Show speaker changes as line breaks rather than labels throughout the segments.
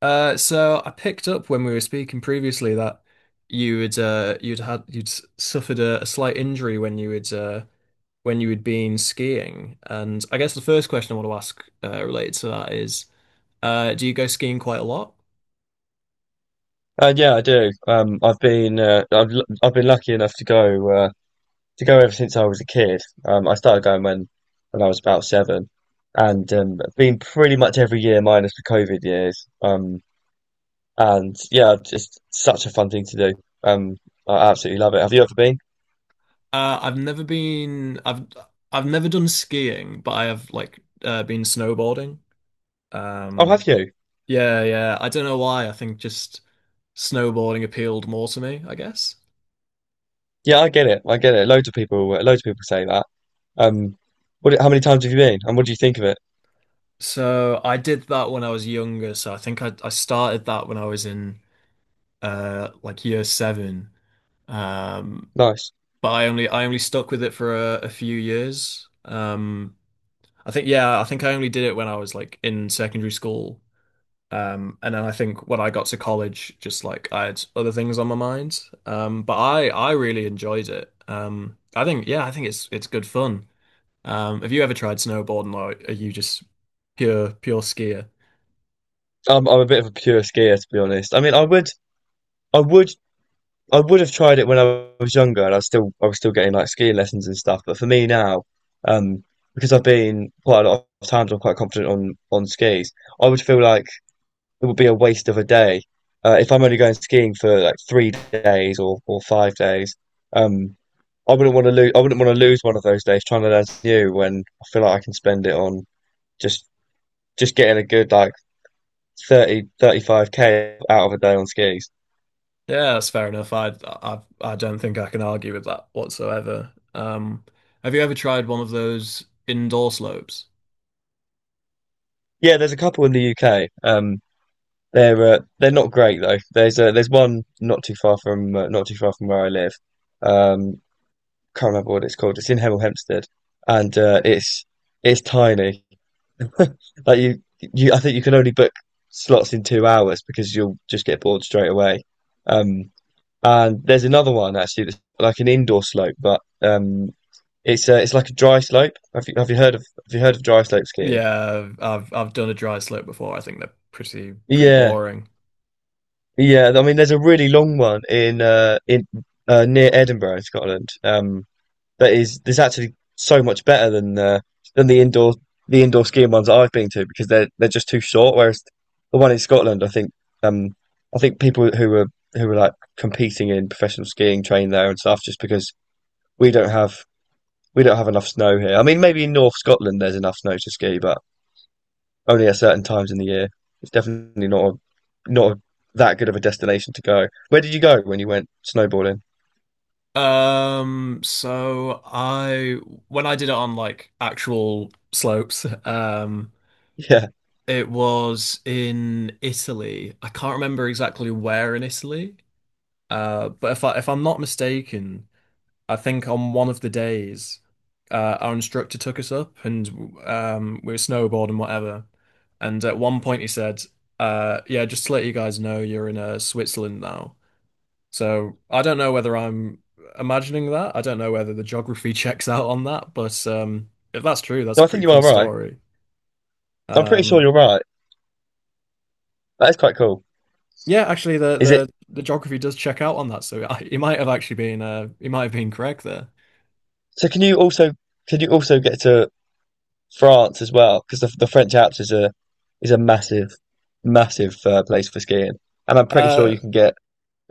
So I picked up when we were speaking previously that you had suffered a slight injury when you had been skiing, and I guess the first question I want to ask related to that is, do you go skiing quite a lot?
Yeah, I do. I've been lucky enough to go ever since I was a kid. I started going when I was about seven, and been pretty much every year minus the COVID years. And yeah, just such a fun thing to do. Um, I absolutely love it. Have you ever been?
I've never been. I've never done skiing, but I have been snowboarding.
Oh,
Um,
have you?
yeah, yeah. I don't know why. I think just snowboarding appealed more to me, I guess.
Yeah, I get it. I get it. Loads of people say that. Um, what? How many times have you been? And what do you think of it?
So I did that when I was younger. So I think I started that when I was in like year seven. Um,
Nice.
but I only stuck with it for a few years. I think I only did it when I was like in secondary school. And then I think when I got to college, just like I had other things on my mind. But I really enjoyed it. I think it's good fun. Have you ever tried snowboarding or are you just pure skier?
I'm a bit of a pure skier, to be honest. I mean, I would I would have tried it when I was younger, and I was still getting like skiing lessons and stuff. But for me now, um, because I've been quite a lot of times, I'm quite confident on skis. I would feel like it would be a waste of a day if I'm only going skiing for like 3 days or 5 days. Um, I wouldn't want to lose one of those days trying to learn something new when I feel like I can spend it on just just getting a good like thirty five k out of a day on skis.
Yeah, that's fair enough. I don't think I can argue with that whatsoever. Have you ever tried one of those indoor slopes?
Yeah, there's a couple in the UK. They're not great though. There's one not too far from not too far from where I live. Um, can't remember what it's called. It's in Hemel Hempstead, and it's tiny. Like you I think you can only book slots in 2 hours because you'll just get bored straight away. Um, and there's another one actually that's like an indoor slope, but it's like a dry slope. Have you heard of dry slope skiing?
Yeah, I've done a dry slope before. I think they're pretty
Yeah.
boring.
Yeah, I mean, there's a really long one in near Edinburgh, in Scotland. That is there's actually so much better than the indoor skiing ones that I've been to because they're just too short. Whereas the one in Scotland, um I think people who were like competing in professional skiing train there and stuff just because we don't have we don't have enough snow here. I mean, maybe in North Scotland there's enough snow to ski, but only at certain times in the year. It's definitely not a, not a, that good of a destination to go. Where did you go when you went snowboarding?
So I when I did it on like actual slopes,
Yeah,
it was in Italy. I can't remember exactly where in Italy. But if I'm not mistaken. I think on one of the days, our instructor took us up and we were snowboarding, whatever. And at one point, he said, yeah, just to let you guys know, you're in Switzerland now. So I don't know whether I'm imagining that. I don't know whether the geography checks out on that. But if that's true, that's
no,
a
I think
pretty
you
cool
are right.
story.
I'm pretty sure
Um,
you're right. That is quite cool.
yeah, actually,
Is it?
the geography does check out on that. So he might have actually been, he might have been correct there.
So can you also get to France as well? Because the French Alps is a massive massive place for skiing, and I'm pretty sure
Uh,
you can get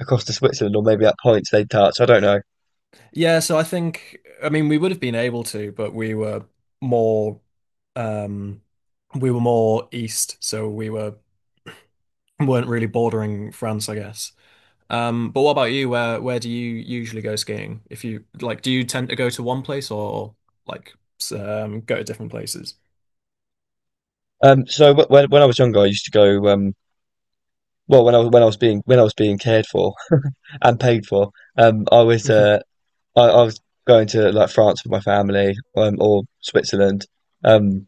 across to Switzerland or maybe at points they touch. I don't know.
Yeah, so I think I mean we would have been able to, but more um we were more east, so we were weren't really bordering France, I guess. Um, but what about you? Where do you usually go skiing? If you like do you tend to go to one place or like go to different places?
So when I was younger, I used to go well, when I was being cared for and paid for, um, I was uh, I was going to like France with my family, or Switzerland, um,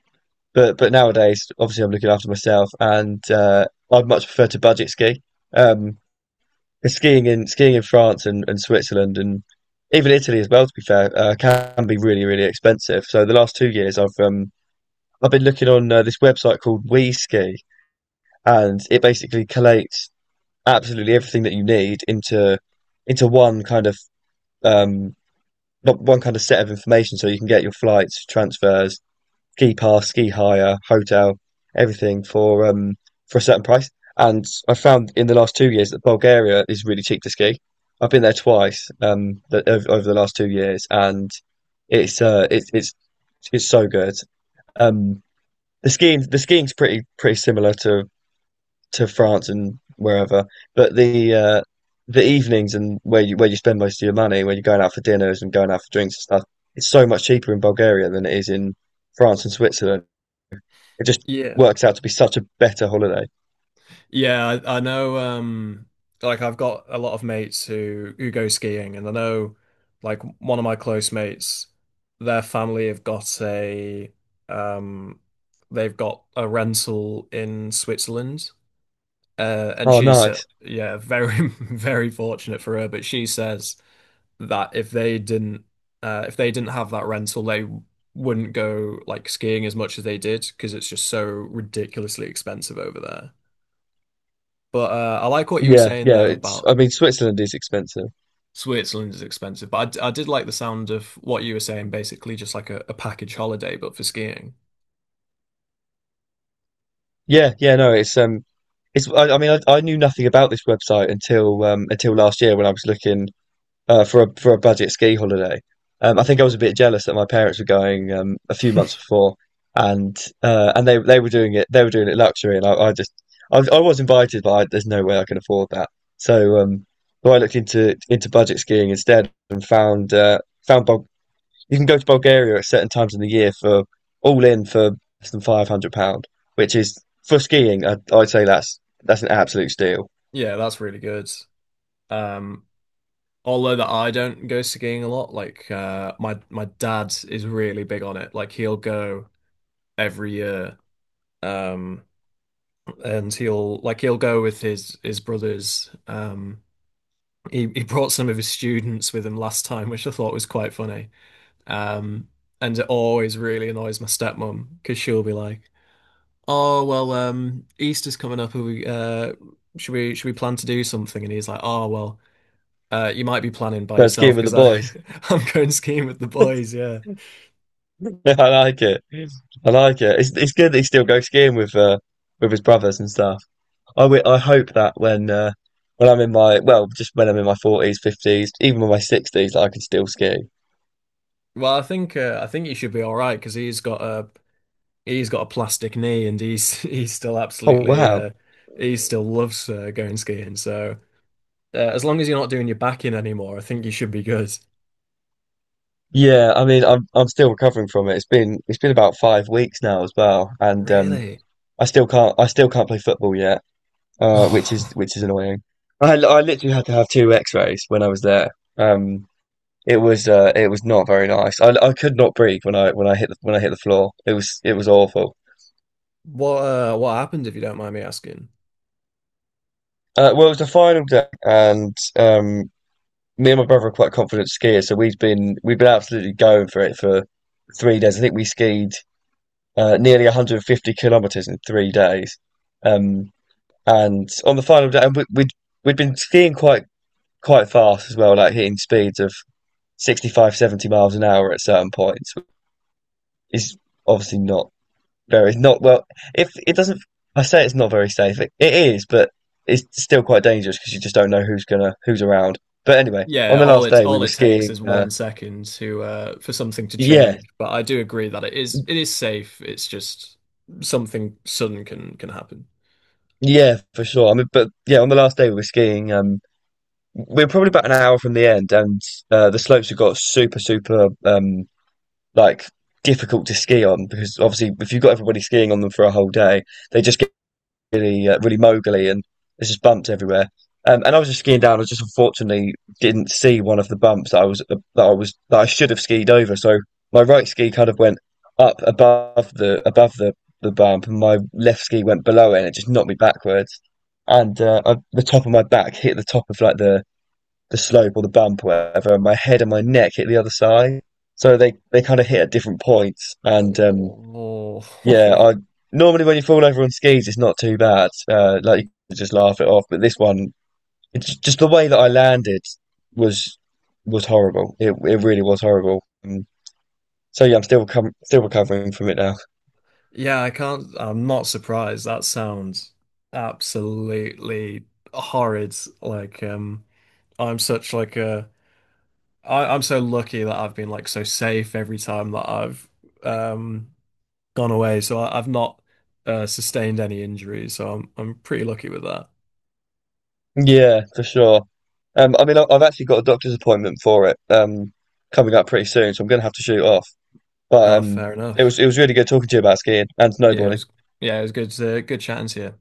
but nowadays, obviously, I'm looking after myself, and I'd much prefer to budget ski. Um, 'Cause skiing in France and Switzerland and even Italy as well, to be fair, can be really really expensive. So the last 2 years, I've been looking on this website called WeSki, and it basically collates absolutely everything that you need into one kind of um not one kind of set of information so you can get your flights, transfers, ski pass, ski hire, hotel, everything for a certain price. And I found in the last 2 years that Bulgaria is really cheap to ski. I've been there twice over the last 2 years, and it's uh it's it's it's so good. Um the skiing's pretty pretty similar to France and wherever. But the evenings and where you spend most of your money, where you're going out for dinners and going out for drinks and stuff, it's so much cheaper in Bulgaria than it is in France and Switzerland. It just
Yeah.
works out to be such a better holiday.
Yeah, I know like I've got a lot of mates who go skiing and I know like one of my close mates, their family have got a um they've got a rental in Switzerland. And
Oh,
she said
nice.
yeah, very very fortunate for her, but she says that if they didn't have that rental they wouldn't go like skiing as much as they did because it's just so ridiculously expensive over there. But I like what you were
Yeah,
saying
yeah.
though
It's
about
I mean Switzerland is expensive.
Switzerland is expensive. But I did like the sound of what you were saying, basically just like a package holiday, but for skiing.
Yeah, yeah. No, I mean I knew nothing about this website until last year when I was looking for a budget ski holiday. I think I was a bit jealous that my parents were going a few months before, and they were doing it luxury, and I was invited, but there's no way I can afford that. So um, so I looked into budget skiing instead and found found Bul you can go to Bulgaria at certain times in the year for all in for less than £500, which is for skiing. I, I'd say that's an absolute steal.
Yeah, that's really good. Um, although that I don't go skiing a lot, like my my dad is really big on it. Like he'll go every year, um, and he'll go with his brothers. He brought some of his students with him last time, which I thought was quite funny. Um, and it always really annoys my stepmom because she'll be like, "Oh well, Easter's coming up. Are we, should we plan to do something?" And he's like, "Oh well, you might be planning by
But
yourself
skiing with the
because I
boys.
I'm going skiing with the boys." Yeah.
I like it. I like it. It's good that he still goes skiing with his brothers and stuff. I hope that when I'm in my well, just when I'm in my forties, fifties, even in my sixties, that I can still ski.
Well, I think you should be all right because he's got a plastic knee and he's he's still
Oh
absolutely
wow.
he still loves going skiing. So as long as you're not doing your back in anymore, I think you should be good.
Yeah, I mean I'm still recovering from it. It's been about 5 weeks now as well. And
Really?
I still can't play football yet, which is annoying. I literally had to have two x-rays when I was there. Um it was not very nice. I could not breathe when I hit the floor. It was awful.
What happened if you don't mind me asking?
Well, it was the final day, and me and my brother are quite confident skiers, so we've been absolutely going for it for 3 days. I think we skied nearly 150 kilometers in 3 days. Um, and On the final day, and we, we'd we'd been skiing quite quite fast as well, like hitting speeds of 65, 70 miles an hour at certain points. Is obviously not well. If it doesn't, I say it's not very safe. It is, but it's still quite dangerous because you just don't know who's gonna who's around. But anyway, on
Yeah,
the last day we
all
were
it takes is
skiing.
one second to for something to
Yeah,
change. But I do agree that it is safe. It's just something sudden can happen.
yeah, for sure. I mean, but yeah, on the last day we were skiing. We were probably about an hour from the end, and the slopes have got super like difficult to ski on because obviously if you've got everybody skiing on them for a whole day, they just really really moguly, and there's just bumps everywhere. And I was just skiing down. I just unfortunately didn't see one of the bumps that I was that I should have skied over. So my right ski kind of went up above the bump, and my left ski went below it, and it just knocked me backwards. And the top of my back hit the top of like the slope or the bump, or whatever. And my head and my neck hit the other side, so they kind of hit at different points, and
Oh,
yeah, I normally when you fall over on skis, it's not too bad. Like you can just laugh it off. But this one, it's just the way that I landed was was horrible. It really was horrible. So yeah, I'm still com still recovering from it now.
yeah, I can't. I'm not surprised. That sounds absolutely horrid. Like, I'm such like a I'm so lucky that I've been like so safe every time that I've Right. um gone away, so I've not sustained any injuries, so I'm pretty lucky with that.
Yeah, for sure. I mean, I've actually got a doctor's appointment for it coming up pretty soon, so I'm gonna have to shoot off. But
Oh, fair enough.
it was really good talking to you about skiing and
Yeah, it
snowboarding.
was yeah, it was good good chatting to you.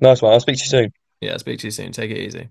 Nice one. I'll speak to you soon.
Yeah, speak to you soon. Take it easy.